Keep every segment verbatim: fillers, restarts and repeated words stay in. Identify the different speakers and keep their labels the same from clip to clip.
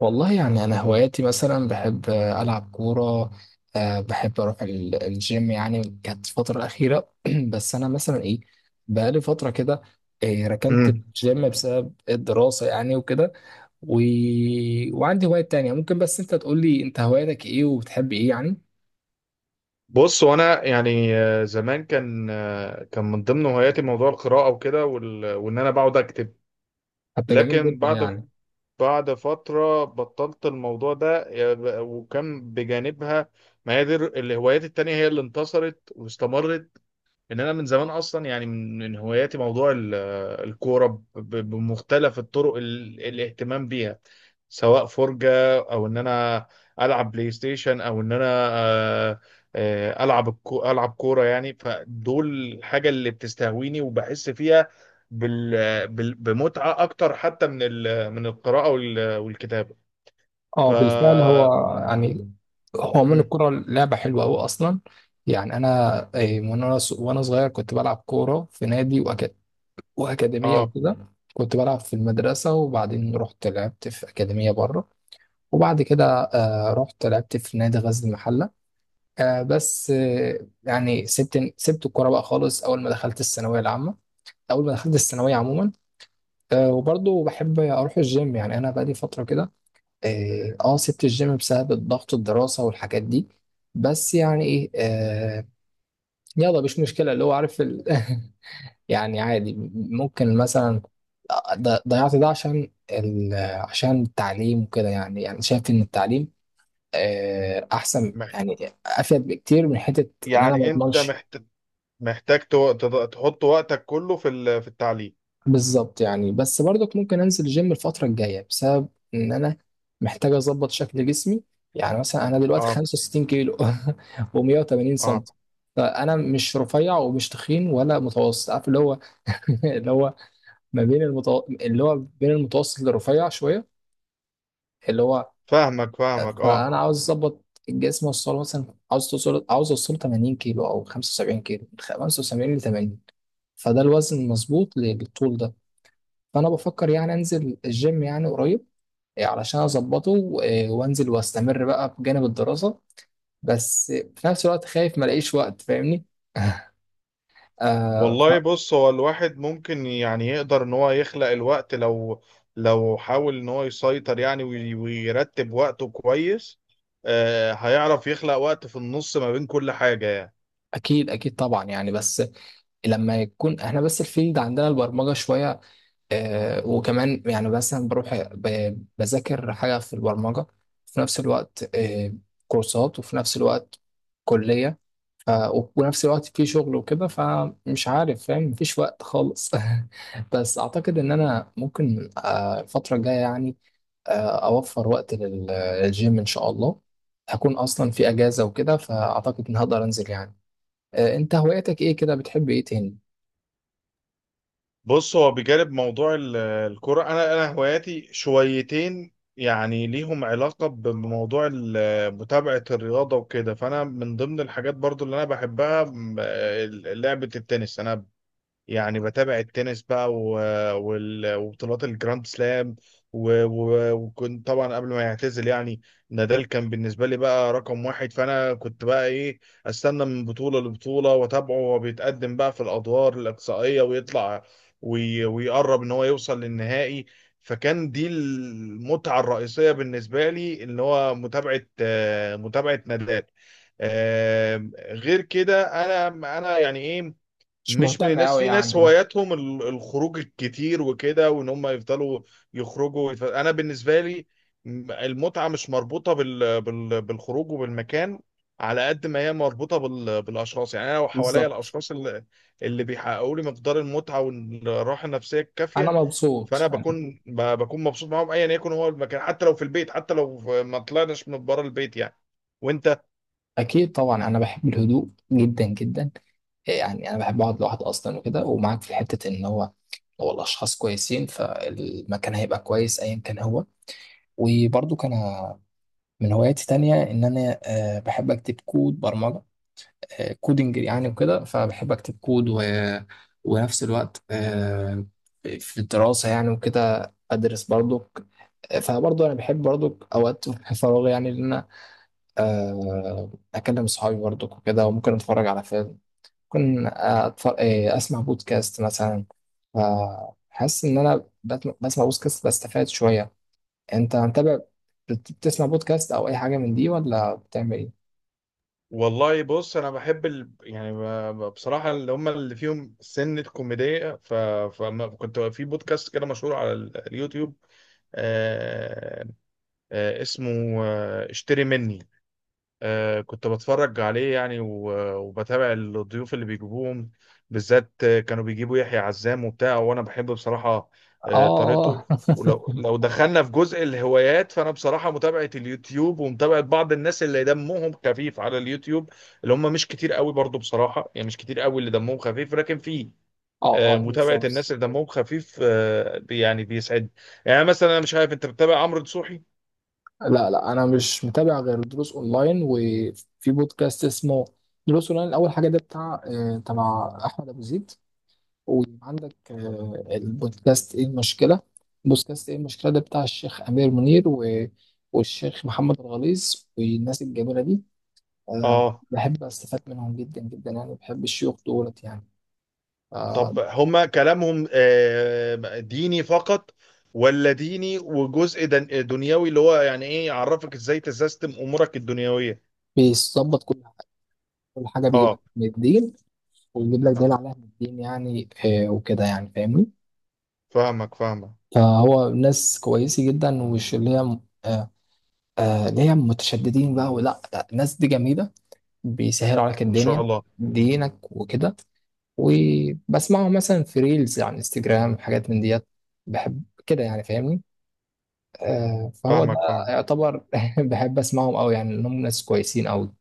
Speaker 1: والله يعني أنا هواياتي مثلا بحب آه، ألعب كورة. آه، بحب أروح ال- الجيم يعني كانت الفترة الأخيرة بس أنا مثلا إيه بقالي فترة كده. آه، ركنت
Speaker 2: امم
Speaker 1: الجيم بسبب الدراسة يعني وكده و... وعندي هوايات تانية ممكن، بس أنت تقول لي أنت هواياتك إيه وبتحب إيه يعني.
Speaker 2: بص، وانا يعني آه، زمان كان، آه، كان من ضمن هواياتي موضوع القراءه وكده، وال- وان انا بقعد اكتب.
Speaker 1: حتى جميل
Speaker 2: لكن
Speaker 1: جدا
Speaker 2: بعد
Speaker 1: يعني.
Speaker 2: بعد فتره بطلت الموضوع ده، يا ب- وكان بجانبها ما هي دي الر- الهوايات التانية هي اللي انتصرت واستمرت. ان انا من زمان اصلا يعني من من هواياتي موضوع ال- الكوره، ب- ب- بمختلف الطرق ال- الاهتمام بيها، سواء فرجه او ان انا العب بلاي ستيشن، او ان انا آه، آه، العب الكو- العب كوره يعني. فدول الحاجه اللي بتستهويني وبحس فيها بال بال- بمتعه اكتر حتى من ال- من القراءه وال- والكتابه. ف
Speaker 1: اه بالفعل هو يعني، هو من
Speaker 2: مم.
Speaker 1: الكرة لعبة حلوة أوي أصلا. يعني أنا آه، من وأنا وأنا صغير كنت بلعب كورة في نادي وأكاديمية
Speaker 2: اه.
Speaker 1: وكده. مم. كنت بلعب في المدرسة وبعدين رحت لعبت في أكاديمية بره، وبعد كده آه، رحت لعبت في نادي غزل المحلة. آه، بس آه، يعني سبت سبت الكورة بقى خالص أول ما دخلت الثانوية العامة، أول ما دخلت الثانوية عموما. آه، وبرضه بحب أروح الجيم، يعني أنا بقالي فترة كده. اه آه، سبت الجيم بسبب الضغط الدراسة والحاجات دي. بس يعني إيه آه، يلا مش مشكلة، اللي هو عارف ال... يعني عادي، ممكن مثلا ض- ضيعت ده عشان ال... عشان التعليم وكده. يعني يعني شايف ان التعليم آه، احسن،
Speaker 2: مح-
Speaker 1: يعني افيد بكتير من حته اللي انا ما
Speaker 2: يعني انت
Speaker 1: اضمنش.
Speaker 2: محت... محتاج تو- تض- تحط وقتك كله في ال- في التعليم.
Speaker 1: بالظبط، يعني بس برضك ممكن انزل الجيم الفتره الجايه بسبب ان انا محتاج اظبط شكل جسمي. يعني مثلا انا دلوقتي
Speaker 2: اه
Speaker 1: خمسة وستين كيلو و180 سم.
Speaker 2: اه،
Speaker 1: فانا مش رفيع ومش تخين ولا متوسط، عارف اللي هو اللي هو ما بين المتو... اللي هو بين المتوسط للرفيع شويه، اللي هو
Speaker 2: فاهمك فاهمك اه.
Speaker 1: فانا عاوز اظبط الجسم اوصله مثلا. عاوز توصل عاوز اوصله تمانين كيلو او خمسة وسبعين كيلو، من خمسة وسبعين ل تمانين. فده الوزن المظبوط للطول ده. فانا بفكر يعني انزل الجيم يعني قريب، إيه، علشان اظبطه إيه، وانزل واستمر بقى بجانب الدراسة. بس في نفس الوقت خايف ما الاقيش وقت، فاهمني؟ آه ف-
Speaker 2: والله بص، هو الواحد ممكن يعني يقدر ان هو يخلق الوقت، لو لو حاول ان هو يسيطر يعني وي- ويرتب وقته كويس، آه هيعرف يخلق وقت في النص ما بين كل حاجة يعني.
Speaker 1: اكيد اكيد طبعا يعني. بس لما يكون احنا بس الفيلد عندنا البرمجه شويه آه، وكمان يعني مثلا بروح ب- بذاكر حاجة في البرمجة في نفس الوقت آه، كورسات، وفي نفس الوقت كلية، ف- ونفس الوقت في شغل وكده. فمش عارف فاهم، مفيش وقت خالص بس أعتقد إن أنا ممكن آه، الفترة الجاية يعني آه، أوفر وقت لل- للجيم إن شاء الله. هكون أصلا في أجازة وكده، فأعتقد إن هقدر أنزل يعني. آه، أنت هواياتك إيه كده، بتحب إيه تاني؟
Speaker 2: بص، هو بجانب موضوع ال- الكرة، أنا أنا هواياتي شويتين يعني ليهم علاقة بموضوع ال- متابعة الرياضة وكده. فأنا من ضمن الحاجات برضو اللي أنا بحبها م- لعبة التنس. أنا يعني بتابع التنس بقى، و... وال... وبطولات الجراند سلام. و... و... وكنت طبعا قبل ما يعتزل يعني، نادال كان بالنسبة لي بقى رقم واحد. فأنا كنت بقى إيه، أستنى من بطولة لبطولة وأتابعه وهو بيتقدم بقى في الأدوار الإقصائية ويطلع وي... ويقرب إن هو يوصل للنهائي. فكان دي المتعة الرئيسية بالنسبة لي، اللي هو متابعة، آه، متابعة نادال. آه، غير كده أنا أنا يعني إيه،
Speaker 1: مش
Speaker 2: مش من
Speaker 1: مهتم
Speaker 2: الناس،
Speaker 1: أوي
Speaker 2: في
Speaker 1: يعني
Speaker 2: ناس
Speaker 1: آه،
Speaker 2: هواياتهم ال- الخروج الكتير وكده، وان هم يفضلوا يخرجوا ويتف- انا بالنسبه لي، م- المتعه مش مربوطه بال... بال... بالخروج وبالمكان، على قد ما هي مربوطه بال... بالاشخاص يعني. انا لو حواليا
Speaker 1: بالظبط.
Speaker 2: الاشخاص، اللي, اللي بيحققوا لي مقدار المتعه والراحه النفسيه
Speaker 1: أنا
Speaker 2: الكافيه،
Speaker 1: مبسوط.
Speaker 2: فانا بكون ب... بكون مبسوط معاهم ايا يكن هو المكان، حتى لو في البيت، حتى لو في- ما طلعناش من بره البيت يعني. وانت،
Speaker 1: اكيد طبعا، انا بحب الهدوء جدا جدا. يعني انا بحب اقعد لوحدي اصلا وكده، ومعاك في حته ان هو لو الاشخاص كويسين فالمكان هيبقى كويس ايا كان هو. وبرضو كان من هواياتي تانية ان انا آه، بحب اكتب كود برمجه، آه، كودنج يعني وكده. فبحب اكتب كود و... ونفس الوقت آه، في الدراسه يعني وكده ادرس برضو. فبرضو انا بحب برضو اوقات في فراغي يعني ان انا آه، اكلم صحابي برضو وكده، وممكن اتفرج على فيلم، ممكن أتفرج أسمع بودكاست مثلا. فحاسس إن أنا بت- بسمع بودكاست بستفاد شوية. أنت متابع، بت- بتسمع بودكاست أو أي حاجة من دي ولا بتعمل إيه؟
Speaker 2: والله بص، انا بحب ال... يعني ب- ب- بصراحه اللي هم اللي فيهم سنه كوميديه. ف... فكنت في بودكاست كده مشهور على ال- اليوتيوب، آه... آه... اسمه آه... اشتري مني. آه، كنت بتفرج عليه يعني، و- وبتابع الضيوف اللي بيجيبوهم، بالذات آه، كانوا بيجيبوا يحيى عزام وبتاع. وانا بحب بصراحة
Speaker 1: اه
Speaker 2: آه،
Speaker 1: اه
Speaker 2: طريقته. ولو لو دخلنا في جزء الهوايات، فانا بصراحة متابعة اليوتيوب ومتابعة بعض الناس اللي دمهم خفيف على اليوتيوب، اللي هم مش كتير قوي برضو بصراحة يعني، مش كتير قوي اللي دمهم خفيف، لكن في
Speaker 1: اه
Speaker 2: آه،
Speaker 1: اه
Speaker 2: متابعة
Speaker 1: بالظبط.
Speaker 2: الناس اللي دمهم خفيف آه، بي- يعني بيسعد. يعني مثلا انا مش عارف، انت بتتابع عمرو دسوحي؟
Speaker 1: لا لا انا مش متابع غير دروس اونلاين، وفي بودكاست اسمه دروس اونلاين. اول حاجه ده بتاع آه، تبع احمد ابو زيد. ويبقى عندك آه، البودكاست ايه المشكلة. بودكاست ايه المشكلة ده بتاع الشيخ أمير منير و... والشيخ محمد الغليظ والناس الجميلة دي. آه،
Speaker 2: اه.
Speaker 1: بحب أستفاد منهم جدا جدا يعني، بحب الشيوخ دولت يعني. آه،
Speaker 2: طب هما كلامهم آه، ديني فقط، ولا ديني وجزء دن- دنيوي، اللي هو يعني ايه يعرفك ازاي تسيستم امورك الدنيوية؟
Speaker 1: بيظبط كل حاجة، كل حاجة بيجيب لك
Speaker 2: اه،
Speaker 1: من الدين ويجيب لك دليل عليها من الدين يعني. آه، وكده يعني فاهمني.
Speaker 2: فاهمك فاهمك.
Speaker 1: فهو ناس كويسة جدا، ومش اللي هي آه، آه، اللي هي متشددين بقى، ولا لا الناس دي جميلة، بيسهلوا عليك
Speaker 2: ما شاء
Speaker 1: الدنيا،
Speaker 2: الله.
Speaker 1: دينك وكده. وبسمعه مثلا في ريلز على انستجرام حاجات من ديت. بحب كده يعني فاهمني. آه فهو ده
Speaker 2: فاهمك فاهمك.
Speaker 1: يعتبر بحب اسمعهم قوي يعني، انهم ناس كويسين قوي.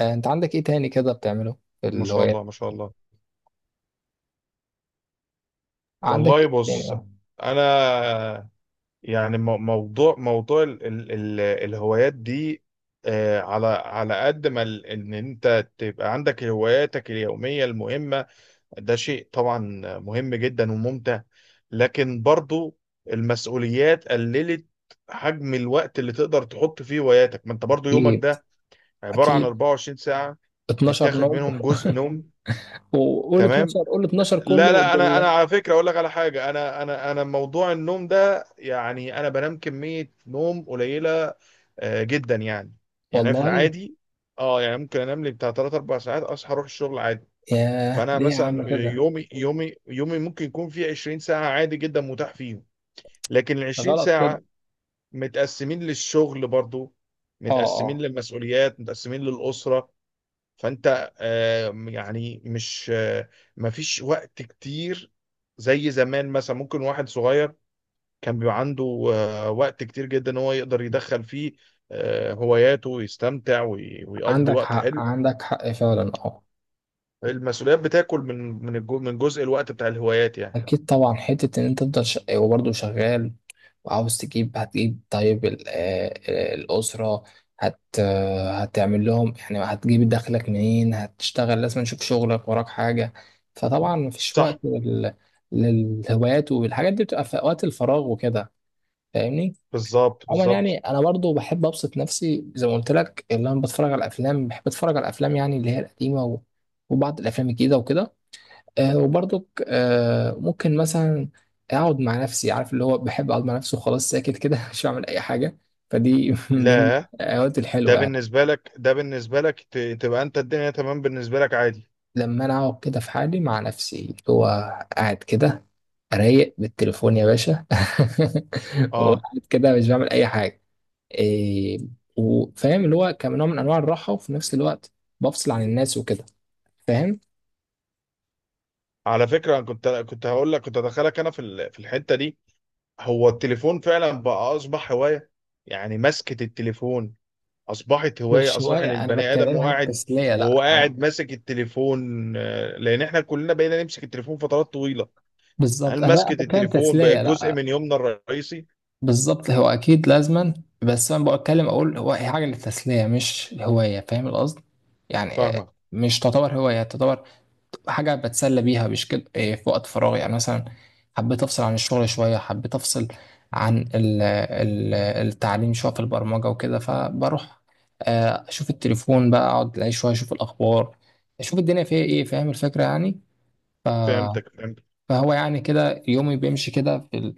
Speaker 1: آه انت عندك ايه تاني كده بتعمله في
Speaker 2: ما شاء
Speaker 1: الهوايات؟
Speaker 2: الله، ما شاء الله.
Speaker 1: عندك
Speaker 2: والله
Speaker 1: ايه
Speaker 2: بص،
Speaker 1: تاني؟
Speaker 2: انا يعني مو- موضوع موضوع ال ال ال الهوايات دي، آه، على على قد ما ال- ان انت تبقى عندك هواياتك اليومية المهمة، ده شيء طبعا مهم جدا وممتع، لكن برضو المسؤوليات قللت حجم الوقت اللي تقدر تحط فيه هواياتك، ما انت برضو يومك
Speaker 1: اكيد
Speaker 2: ده عبارة عن
Speaker 1: اكيد
Speaker 2: اربعة وعشرين ساعة،
Speaker 1: اتناشر
Speaker 2: متاخد
Speaker 1: نوم.
Speaker 2: منهم جزء نوم.
Speaker 1: وقول
Speaker 2: تمام.
Speaker 1: اتناشر، قول اتناشر
Speaker 2: لا
Speaker 1: كله
Speaker 2: لا، انا انا
Speaker 1: بالله.
Speaker 2: على فكرة اقول لك على حاجة، انا انا انا موضوع النوم ده يعني، انا بنام كمية نوم قليلة آه، جدا يعني. يعني أنا في
Speaker 1: والله
Speaker 2: العادي، اه، يعني ممكن انام لي بتاع ثلاث اربعة ساعات، اصحى اروح الشغل عادي.
Speaker 1: ياه
Speaker 2: فانا
Speaker 1: ليه يا
Speaker 2: مثلا
Speaker 1: عم كده؟
Speaker 2: يومي يومي يومي ممكن يكون فيه عشرين ساعه عادي جدا متاح فيهم، لكن ال
Speaker 1: ده
Speaker 2: عشرين
Speaker 1: غلط
Speaker 2: ساعه
Speaker 1: كده.
Speaker 2: متقسمين للشغل برضو،
Speaker 1: اه
Speaker 2: متقسمين
Speaker 1: اه،
Speaker 2: للمسؤوليات، متقسمين للاسره. فانت آه، يعني مش، آه، مفيش وقت كتير زي زمان. مثلا ممكن واحد صغير كان بيبقى عنده آه، وقت كتير جدا ان هو يقدر يدخل فيه آه، هواياته ويستمتع وي- ويقضي
Speaker 1: عندك
Speaker 2: وقت
Speaker 1: حق،
Speaker 2: حلو.
Speaker 1: عندك حق فعلا اه.
Speaker 2: المسؤوليات بتاكل من من الجو- من جزء الوقت بتاع الهوايات يعني.
Speaker 1: اكيد طبعا، حته ان انت تفضل ش... وبرضه شغال وعاوز تجيب، هتجيب طيب ال... آه، آه، الاسره هت... آه، هتعمل لهم يعني، هتجيب دخلك منين؟ هتشتغل، لازم نشوف شغلك وراك حاجه. فطبعا مفيش
Speaker 2: صح.
Speaker 1: وقت لل... للهوايات، والحاجات دي بتبقى في اوقات الفراغ وكده، فاهمني.
Speaker 2: بالظبط
Speaker 1: عموما يعني
Speaker 2: بالظبط.
Speaker 1: انا برضه بحب ابسط نفسي زي ما قلت لك، اللي انا بتفرج على الافلام. بحب اتفرج على الافلام يعني، اللي هي القديمه و... وبعض الافلام الجديده وكده. آه وبرضك آه ممكن مثلا اقعد مع نفسي، عارف اللي هو بحب اقعد مع نفسي وخلاص، ساكت كده مش بعمل اي حاجه. فدي من ضمن
Speaker 2: لا،
Speaker 1: الاوقات
Speaker 2: ده
Speaker 1: الحلوه يعني.
Speaker 2: بالنسبة لك، ده بالنسبة لك ت- تبقى انت الدنيا تمام بالنسبة لك عادي.
Speaker 1: لما انا اقعد كده في حالي مع نفسي، اللي هو قاعد كده رايق بالتليفون يا باشا
Speaker 2: اه،
Speaker 1: وقاعد كده مش بعمل اي حاجه إيه. وفاهم اللي هو كنوع من انواع الراحه، وفي نفس الوقت بفصل عن الناس وكده فاهم.
Speaker 2: على فكرة انا كنت، كنت هقول لك، كنت ادخلك انا في ال- في الحتة دي. هو التليفون فعلا بقى اصبح هواية، يعني مسكة التليفون اصبحت هواية.
Speaker 1: مش
Speaker 2: اصبح
Speaker 1: هوايه،
Speaker 2: ان
Speaker 1: انا
Speaker 2: البني ادم هو
Speaker 1: بتكلمها
Speaker 2: قاعد،
Speaker 1: تسليه
Speaker 2: وهو
Speaker 1: لا.
Speaker 2: قاعد ماسك التليفون، آه، لان احنا كلنا بقينا نمسك التليفون فترات طويلة.
Speaker 1: بالظبط،
Speaker 2: هل
Speaker 1: انا
Speaker 2: مسكة
Speaker 1: بتكلم
Speaker 2: التليفون بقت
Speaker 1: تسليه
Speaker 2: جزء
Speaker 1: لا.
Speaker 2: من يومنا الرئيسي؟
Speaker 1: بالظبط هو اكيد لازما. بس انا بتكلم اقول هو، هي حاجه للتسليه مش هوايه، فاهم القصد؟ يعني آه،
Speaker 2: فاهمك.
Speaker 1: مش تعتبر هوايه، تعتبر حاجه بتسلى بيها مش كده. آه، في وقت فراغي يعني مثلا حبيت افصل عن الشغل شويه، حبيت افصل عن ال- ال- التعليم شويه في البرمجه وكده، فبروح آه، اشوف التليفون بقى، اقعد اعيش شويه، اشوف الاخبار، اشوف الدنيا فيها ايه، فاهم الفكره يعني.
Speaker 2: فهمتك فهمتك.
Speaker 1: فهو يعني كده يومي بيمشي كده في ال...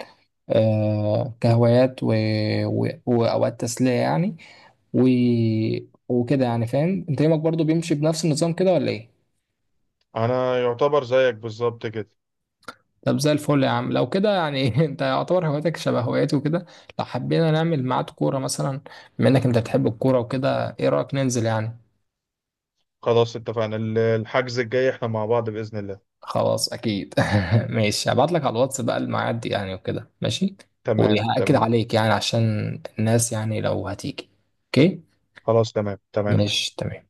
Speaker 1: آه كهوايات و... و... وأوقات تسلية يعني، و... وكده يعني فاهم. أنت يومك برضو بيمشي بنفس النظام كده ولا إيه؟
Speaker 2: انا يعتبر زيك بالظبط كده.
Speaker 1: طب زي الفل يا عم لو كده يعني أنت يعتبر هواياتك شبه هواياتي وكده، لو حبينا نعمل ميعاد كورة مثلا، بما إنك أنت بتحب الكورة وكده، إيه رأيك ننزل يعني؟
Speaker 2: خلاص اتفقنا، ال- الحجز الجاي احنا مع بعض بإذن الله.
Speaker 1: خلاص أكيد ماشي هبعت لك على الواتس بقى الميعاد يعني وكده، ماشي؟
Speaker 2: تمام
Speaker 1: وهأكد
Speaker 2: تمام.
Speaker 1: عليك يعني عشان الناس يعني لو هتيجي، أوكي؟
Speaker 2: خلاص. تمام تمام.
Speaker 1: ماشي تمام.